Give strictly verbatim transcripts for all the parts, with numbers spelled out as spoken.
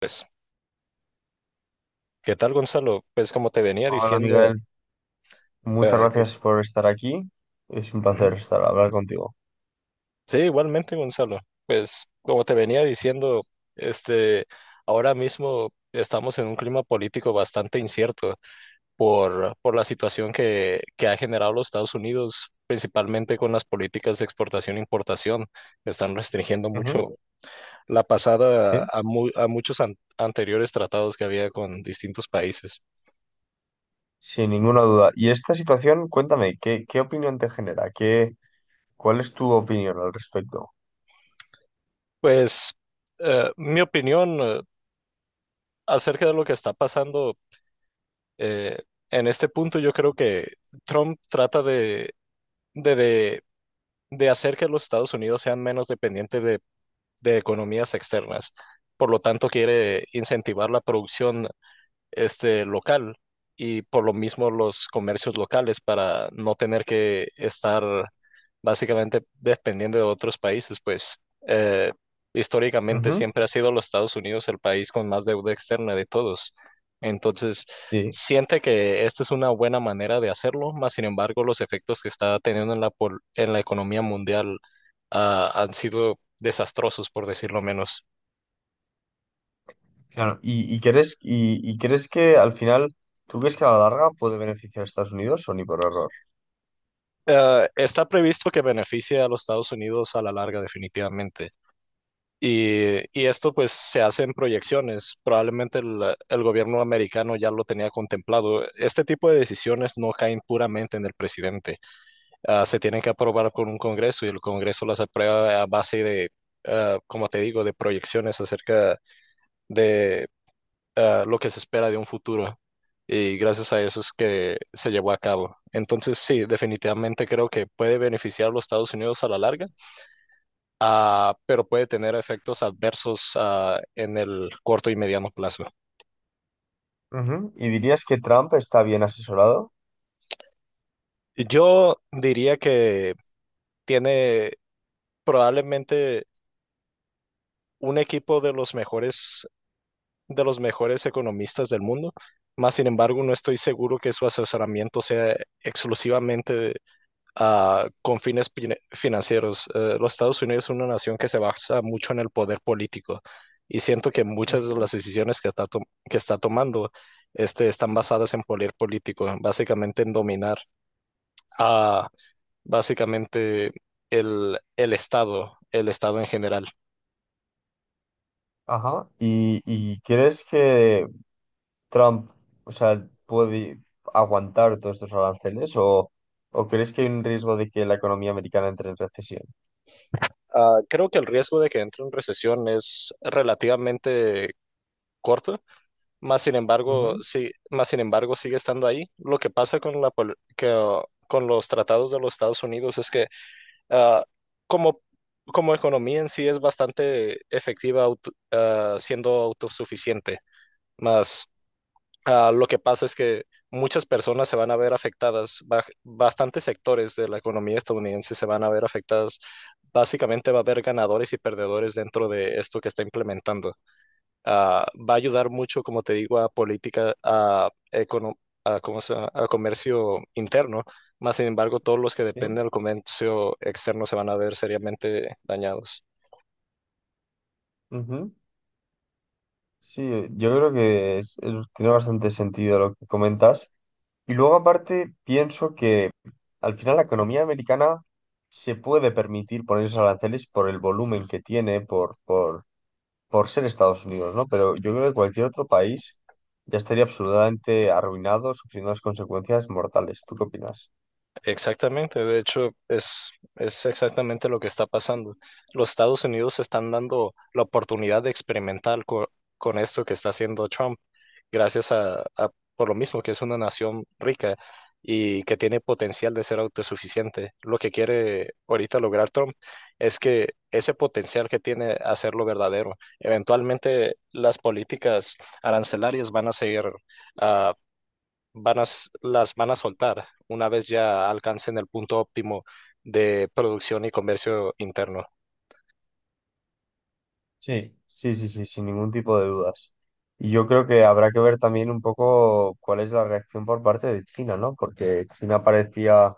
Pues, ¿qué tal, Gonzalo? Pues, como te venía Hola diciendo, Miguel, muchas eh, que- gracias por estar aquí. Es un ujú. placer estar hablar contigo. Sí, igualmente, Gonzalo. Pues, como te venía diciendo, este, ahora mismo estamos en un clima político bastante incierto por, por la situación que, que ha generado los Estados Unidos, principalmente con las políticas de exportación e importación. Están restringiendo Ujú. mucho la pasada Sí, a, mu- a muchos an- anteriores tratados que había con distintos países. sin ninguna duda. Y esta situación, cuéntame, ¿qué, qué opinión te genera? ¿Qué, cuál es tu opinión al respecto? Pues, eh, mi opinión. eh, acerca de lo que está pasando eh, en este punto, yo creo que Trump trata de, de, de, de hacer que los Estados Unidos sean menos dependientes de, de economías externas. Por lo tanto, quiere incentivar la producción este local y por lo mismo los comercios locales para no tener que estar básicamente dependiendo de otros países, pues eh, históricamente Ujú. siempre ha sido los Estados Unidos el país con más deuda externa de todos. Entonces, Sí, siente que esta es una buena manera de hacerlo, más sin embargo, los efectos que está teniendo en la, pol- en la economía mundial ah, han sido desastrosos, por decirlo menos. claro. ¿Y, y crees, y, y crees que al final, tú crees que a la larga puede beneficiar a Estados Unidos o ni por error? Eh, está previsto que beneficie a los Estados Unidos a la larga, definitivamente. Y, y esto pues se hace en proyecciones. Probablemente el, el gobierno americano ya lo tenía contemplado. Este tipo de decisiones no caen puramente en el presidente. Ah, se tienen que aprobar con un Congreso y el Congreso las aprueba a base de, ah, como te digo, de proyecciones acerca de ah, lo que se espera de un futuro. Y gracias a eso es que se llevó a cabo. Entonces, sí, definitivamente creo que puede beneficiar a los Estados Unidos a la larga, ah, pero puede tener efectos adversos ah, en el corto y mediano plazo. Ujú. ¿Y dirías que Trump está bien asesorado? Yo diría que tiene probablemente un equipo de los mejores, de los mejores economistas del mundo. Más sin embargo, no estoy seguro que su asesoramiento sea exclusivamente ah, con fines pine- financieros. Eh, los Estados Unidos es una nación que se basa mucho en el poder político y siento que muchas de Ujú. las decisiones que está, to- que está tomando este, están basadas en poder político, básicamente en dominar a básicamente el, el Estado, el Estado en general. Ajá. ¿Y, y crees que Trump, o sea, puede aguantar todos estos aranceles o, o crees que hay un riesgo de que la economía americana entre en recesión? Ah, creo que el riesgo de que entre en recesión es relativamente corto. Más sin embargo, Ujú, sí, más sin embargo sigue estando ahí. Lo que pasa con la pol- que, uh, con los tratados de los Estados Unidos es que ah, como, como economía en sí es bastante efectiva auto- ah, siendo autosuficiente. Más ah, lo que pasa es que muchas personas se van a ver afectadas, ba- bastantes sectores de la economía estadounidense se van a ver afectadas. Básicamente va a haber ganadores y perdedores dentro de esto que está implementando, ah, va a ayudar mucho, como te digo, a política, a, econo- a, ¿cómo se llama? A comercio interno. Más sin embargo, todos los que sí, dependen del comercio externo se van a ver seriamente dañados. ujú. Sí, yo creo que es- es- tiene bastante sentido lo que comentas. Y luego aparte pienso que al final la economía americana se puede permitir poner esos aranceles por el volumen que tiene, por por. por ser Estados Unidos, ¿no? Pero yo creo que cualquier otro país ya estaría absolutamente arruinado, sufriendo las consecuencias mortales. ¿Tú qué opinas? Exactamente, de hecho, es, es exactamente lo que está pasando. Los Estados Unidos están dando la oportunidad de experimentar co- con esto que está haciendo Trump. Gracias a, a- por lo mismo que es una nación rica y que tiene potencial de ser autosuficiente. Lo que quiere ahorita lograr Trump es que ese potencial que tiene hacerlo verdadero. Eventualmente las políticas arancelarias van a seguir, ah, van a, s- las van a soltar una vez ya alcancen el punto óptimo de producción y comercio interno. Sí. Sí, sí, sí, sin ningún tipo de dudas. Y yo creo que habrá que ver también un poco cuál es la reacción por parte de China, ¿no? Porque China parecía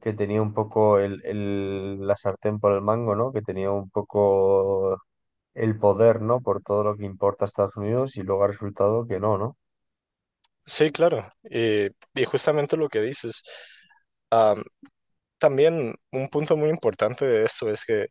que tenía un poco el, el- la sartén por el mango, ¿no? Que tenía un poco el poder, ¿no? Por todo lo que importa a Estados Unidos y luego ha resultado que no, ¿no? Sí, claro. Y, y justamente lo que dices. También un punto muy importante de esto es que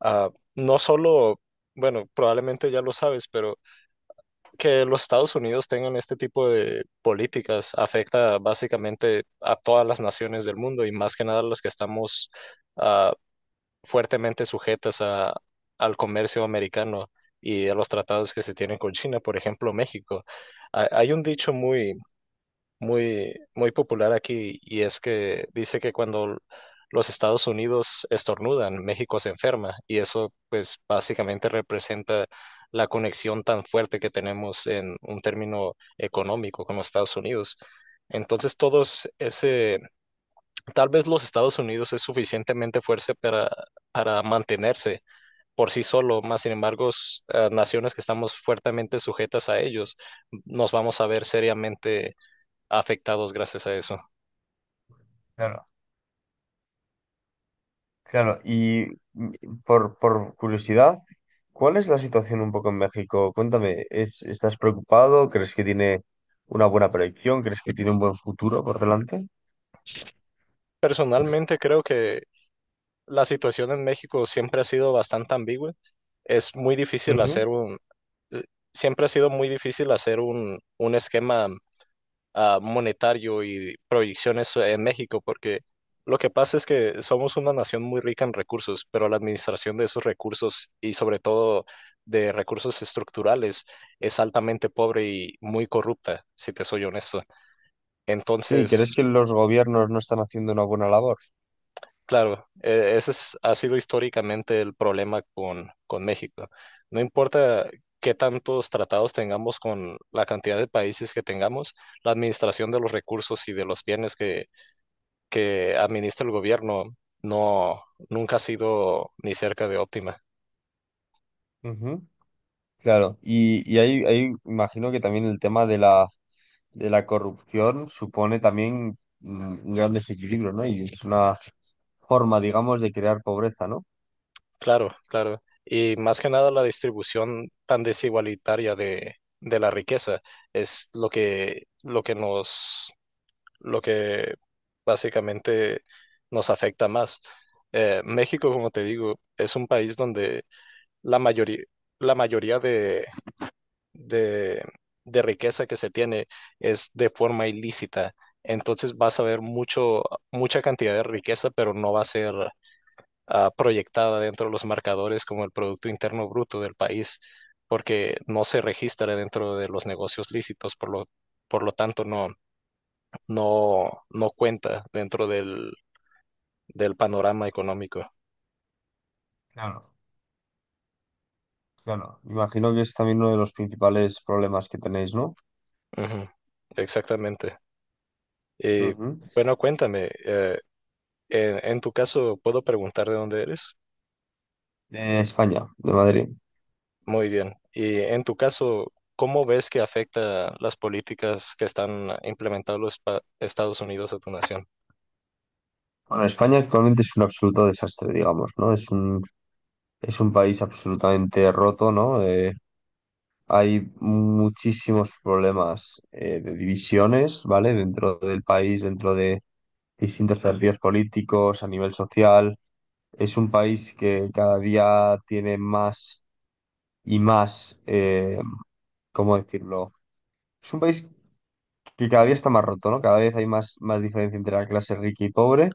ah, no solo, bueno, probablemente ya lo sabes, pero que los Estados Unidos tengan este tipo de políticas afecta básicamente a todas las naciones del mundo y más que nada las que estamos ah, fuertemente sujetas a, al comercio americano y a los tratados que se tienen con China, por ejemplo, México. Ah, Hay un dicho muy muy, muy popular aquí y es que dice que cuando los Estados Unidos estornudan, México se enferma y eso pues básicamente representa la conexión tan fuerte que tenemos en un término económico con los Estados Unidos. Entonces todos ese, tal vez los Estados Unidos es suficientemente fuerte para, para mantenerse por sí solo, más sin embargo, s- eh, naciones que estamos fuertemente sujetas a ellos, nos vamos a ver seriamente afectados gracias a eso. Claro. Claro, y mm, por, por curiosidad, ¿cuál es la situación un poco en México? Cuéntame, ¿es, estás preocupado? ¿Crees que tiene una buena proyección? ¿Crees que tiene un buen futuro por delante? Personalmente creo que la situación en México siempre ha sido bastante ambigua. Es muy difícil Ujú. hacer un, eh, siempre ha sido muy difícil hacer un, un esquema ah, monetario y proyecciones en México, porque lo que pasa es que somos una nación muy rica en recursos, pero la administración de esos recursos y sobre todo de recursos estructurales es altamente pobre y muy corrupta, si te soy honesto. Sí, ¿crees Entonces, que los gobiernos no están haciendo una buena labor? claro, e- ese es- ha sido históricamente el problema con, con México. No importa qué tantos tratados tengamos con la cantidad de países que tengamos, la administración de los recursos y de los bienes que, que administra el gobierno no, nunca ha sido ni cerca de óptima. Ujú. Claro, y, y ahí, ahí imagino que también el tema de la, de la corrupción supone también mm, un gran desequilibrio, ¿no? Y es una forma, digamos, de crear pobreza, ¿no? Claro, claro. Y más que nada la distribución tan desigualitaria de, de la riqueza es lo que, lo que nos lo que básicamente nos afecta más. Eh, México, como te digo, es un país donde la mayoría, la mayoría de, de, de riqueza que se tiene es de forma ilícita. Entonces vas a ver mucho, mucha cantidad de riqueza, pero no va a ser ah, proyectada dentro de los marcadores como el Producto Interno Bruto del país, porque no se registra dentro de los negocios lícitos, por lo, por lo tanto no no, no cuenta dentro del, del panorama económico. Claro. Claro, imagino que es también uno de los principales problemas que tenéis, ¿no? Ujú, exactamente. Y Ujú. bueno, cuéntame, eh, en, en tu caso, ¿puedo preguntar de dónde eres? De España, de Madrid. Muy bien. Y en tu caso, ¿cómo ves que afecta las políticas que están implementando los pa- Estados Unidos a tu nación? Bueno, España actualmente es un absoluto desastre, digamos, ¿no? Es un, es un país absolutamente roto, ¿no? Eh, hay muchísimos problemas eh, de divisiones, ¿vale? Dentro del país, dentro de distintos partidos políticos, a nivel social. Es un país que cada día tiene más y más, eh, ¿cómo decirlo? Es un país que cada día está más roto, ¿no? Cada vez hay más, más diferencia entre la clase rica y pobre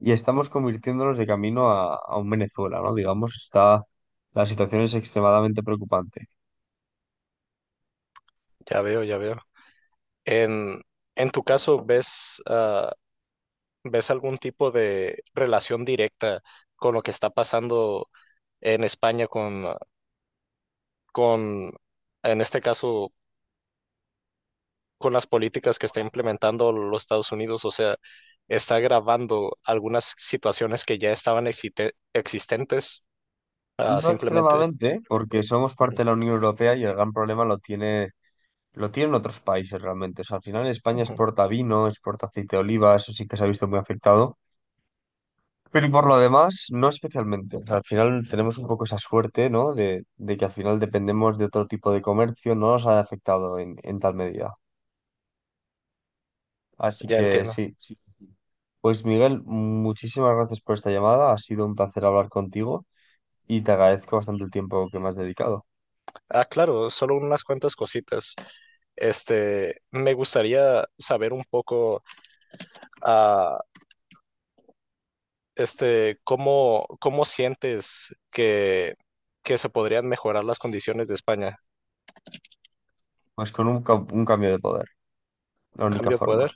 y estamos convirtiéndonos de camino a, a un Venezuela, ¿no? Digamos, está, la situación es extremadamente preocupante. Ya veo, ya veo. En, en tu caso, ¿ves, ah, ves algún tipo de relación directa con lo que está pasando en España con con, en este caso, con las políticas que está implementando los Estados Unidos, o sea, está agravando algunas situaciones que ya estaban existe- existentes, ah, No simplemente. extremadamente, porque somos Ujú, parte de la Unión Europea y el gran problema lo tiene, lo tienen otros países realmente. O sea, al final España ujú, exporta vino, exporta aceite de oliva, eso sí que se ha visto muy afectado. Pero y por lo demás, no especialmente. O sea, al final tenemos un poco esa suerte, ¿no? De, de que al final dependemos de otro tipo de comercio, no nos ha afectado en, en tal medida. Así ya que entiendo. sí. Sí. Pues Miguel, muchísimas gracias por esta llamada. Ha sido un placer hablar contigo y te agradezco bastante el tiempo que me has dedicado. Ah, claro, solo unas cuantas cositas. Este, me gustaría saber un poco, ah, este, cómo, cómo sientes que, que se podrían mejorar las condiciones de España. Pues con un, ca- un cambio de poder, la ¿Un única cambio de poder? forma.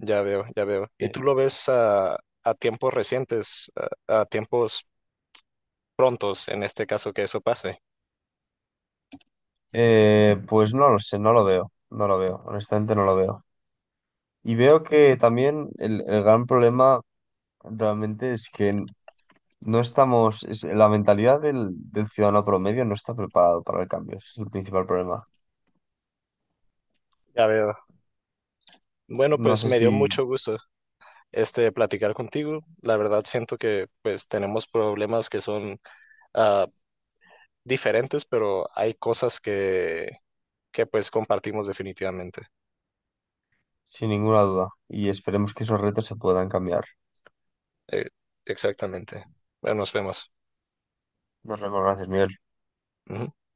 Ya veo, ya veo. ¿Y Sí. tú lo ves a, a tiempos recientes, a, a tiempos prontos, en este caso que eso pase? Eh, pues no lo sé, no lo veo, no lo veo, honestamente no lo veo. Y veo que también el el gran problema realmente es que no estamos, es- la mentalidad del, del ciudadano promedio no está preparado para el cambio, ese es el principal problema. Ya veo. Bueno, No pues sé me dio si, mucho gusto este platicar contigo. La verdad siento que pues tenemos problemas que son ah, diferentes, pero hay cosas que, que pues compartimos definitivamente. sin ninguna duda, y esperemos que esos retos se puedan cambiar. Eh, Exactamente. Bueno, nos vemos. Nos vemos, gracias, Miguel. Ujú.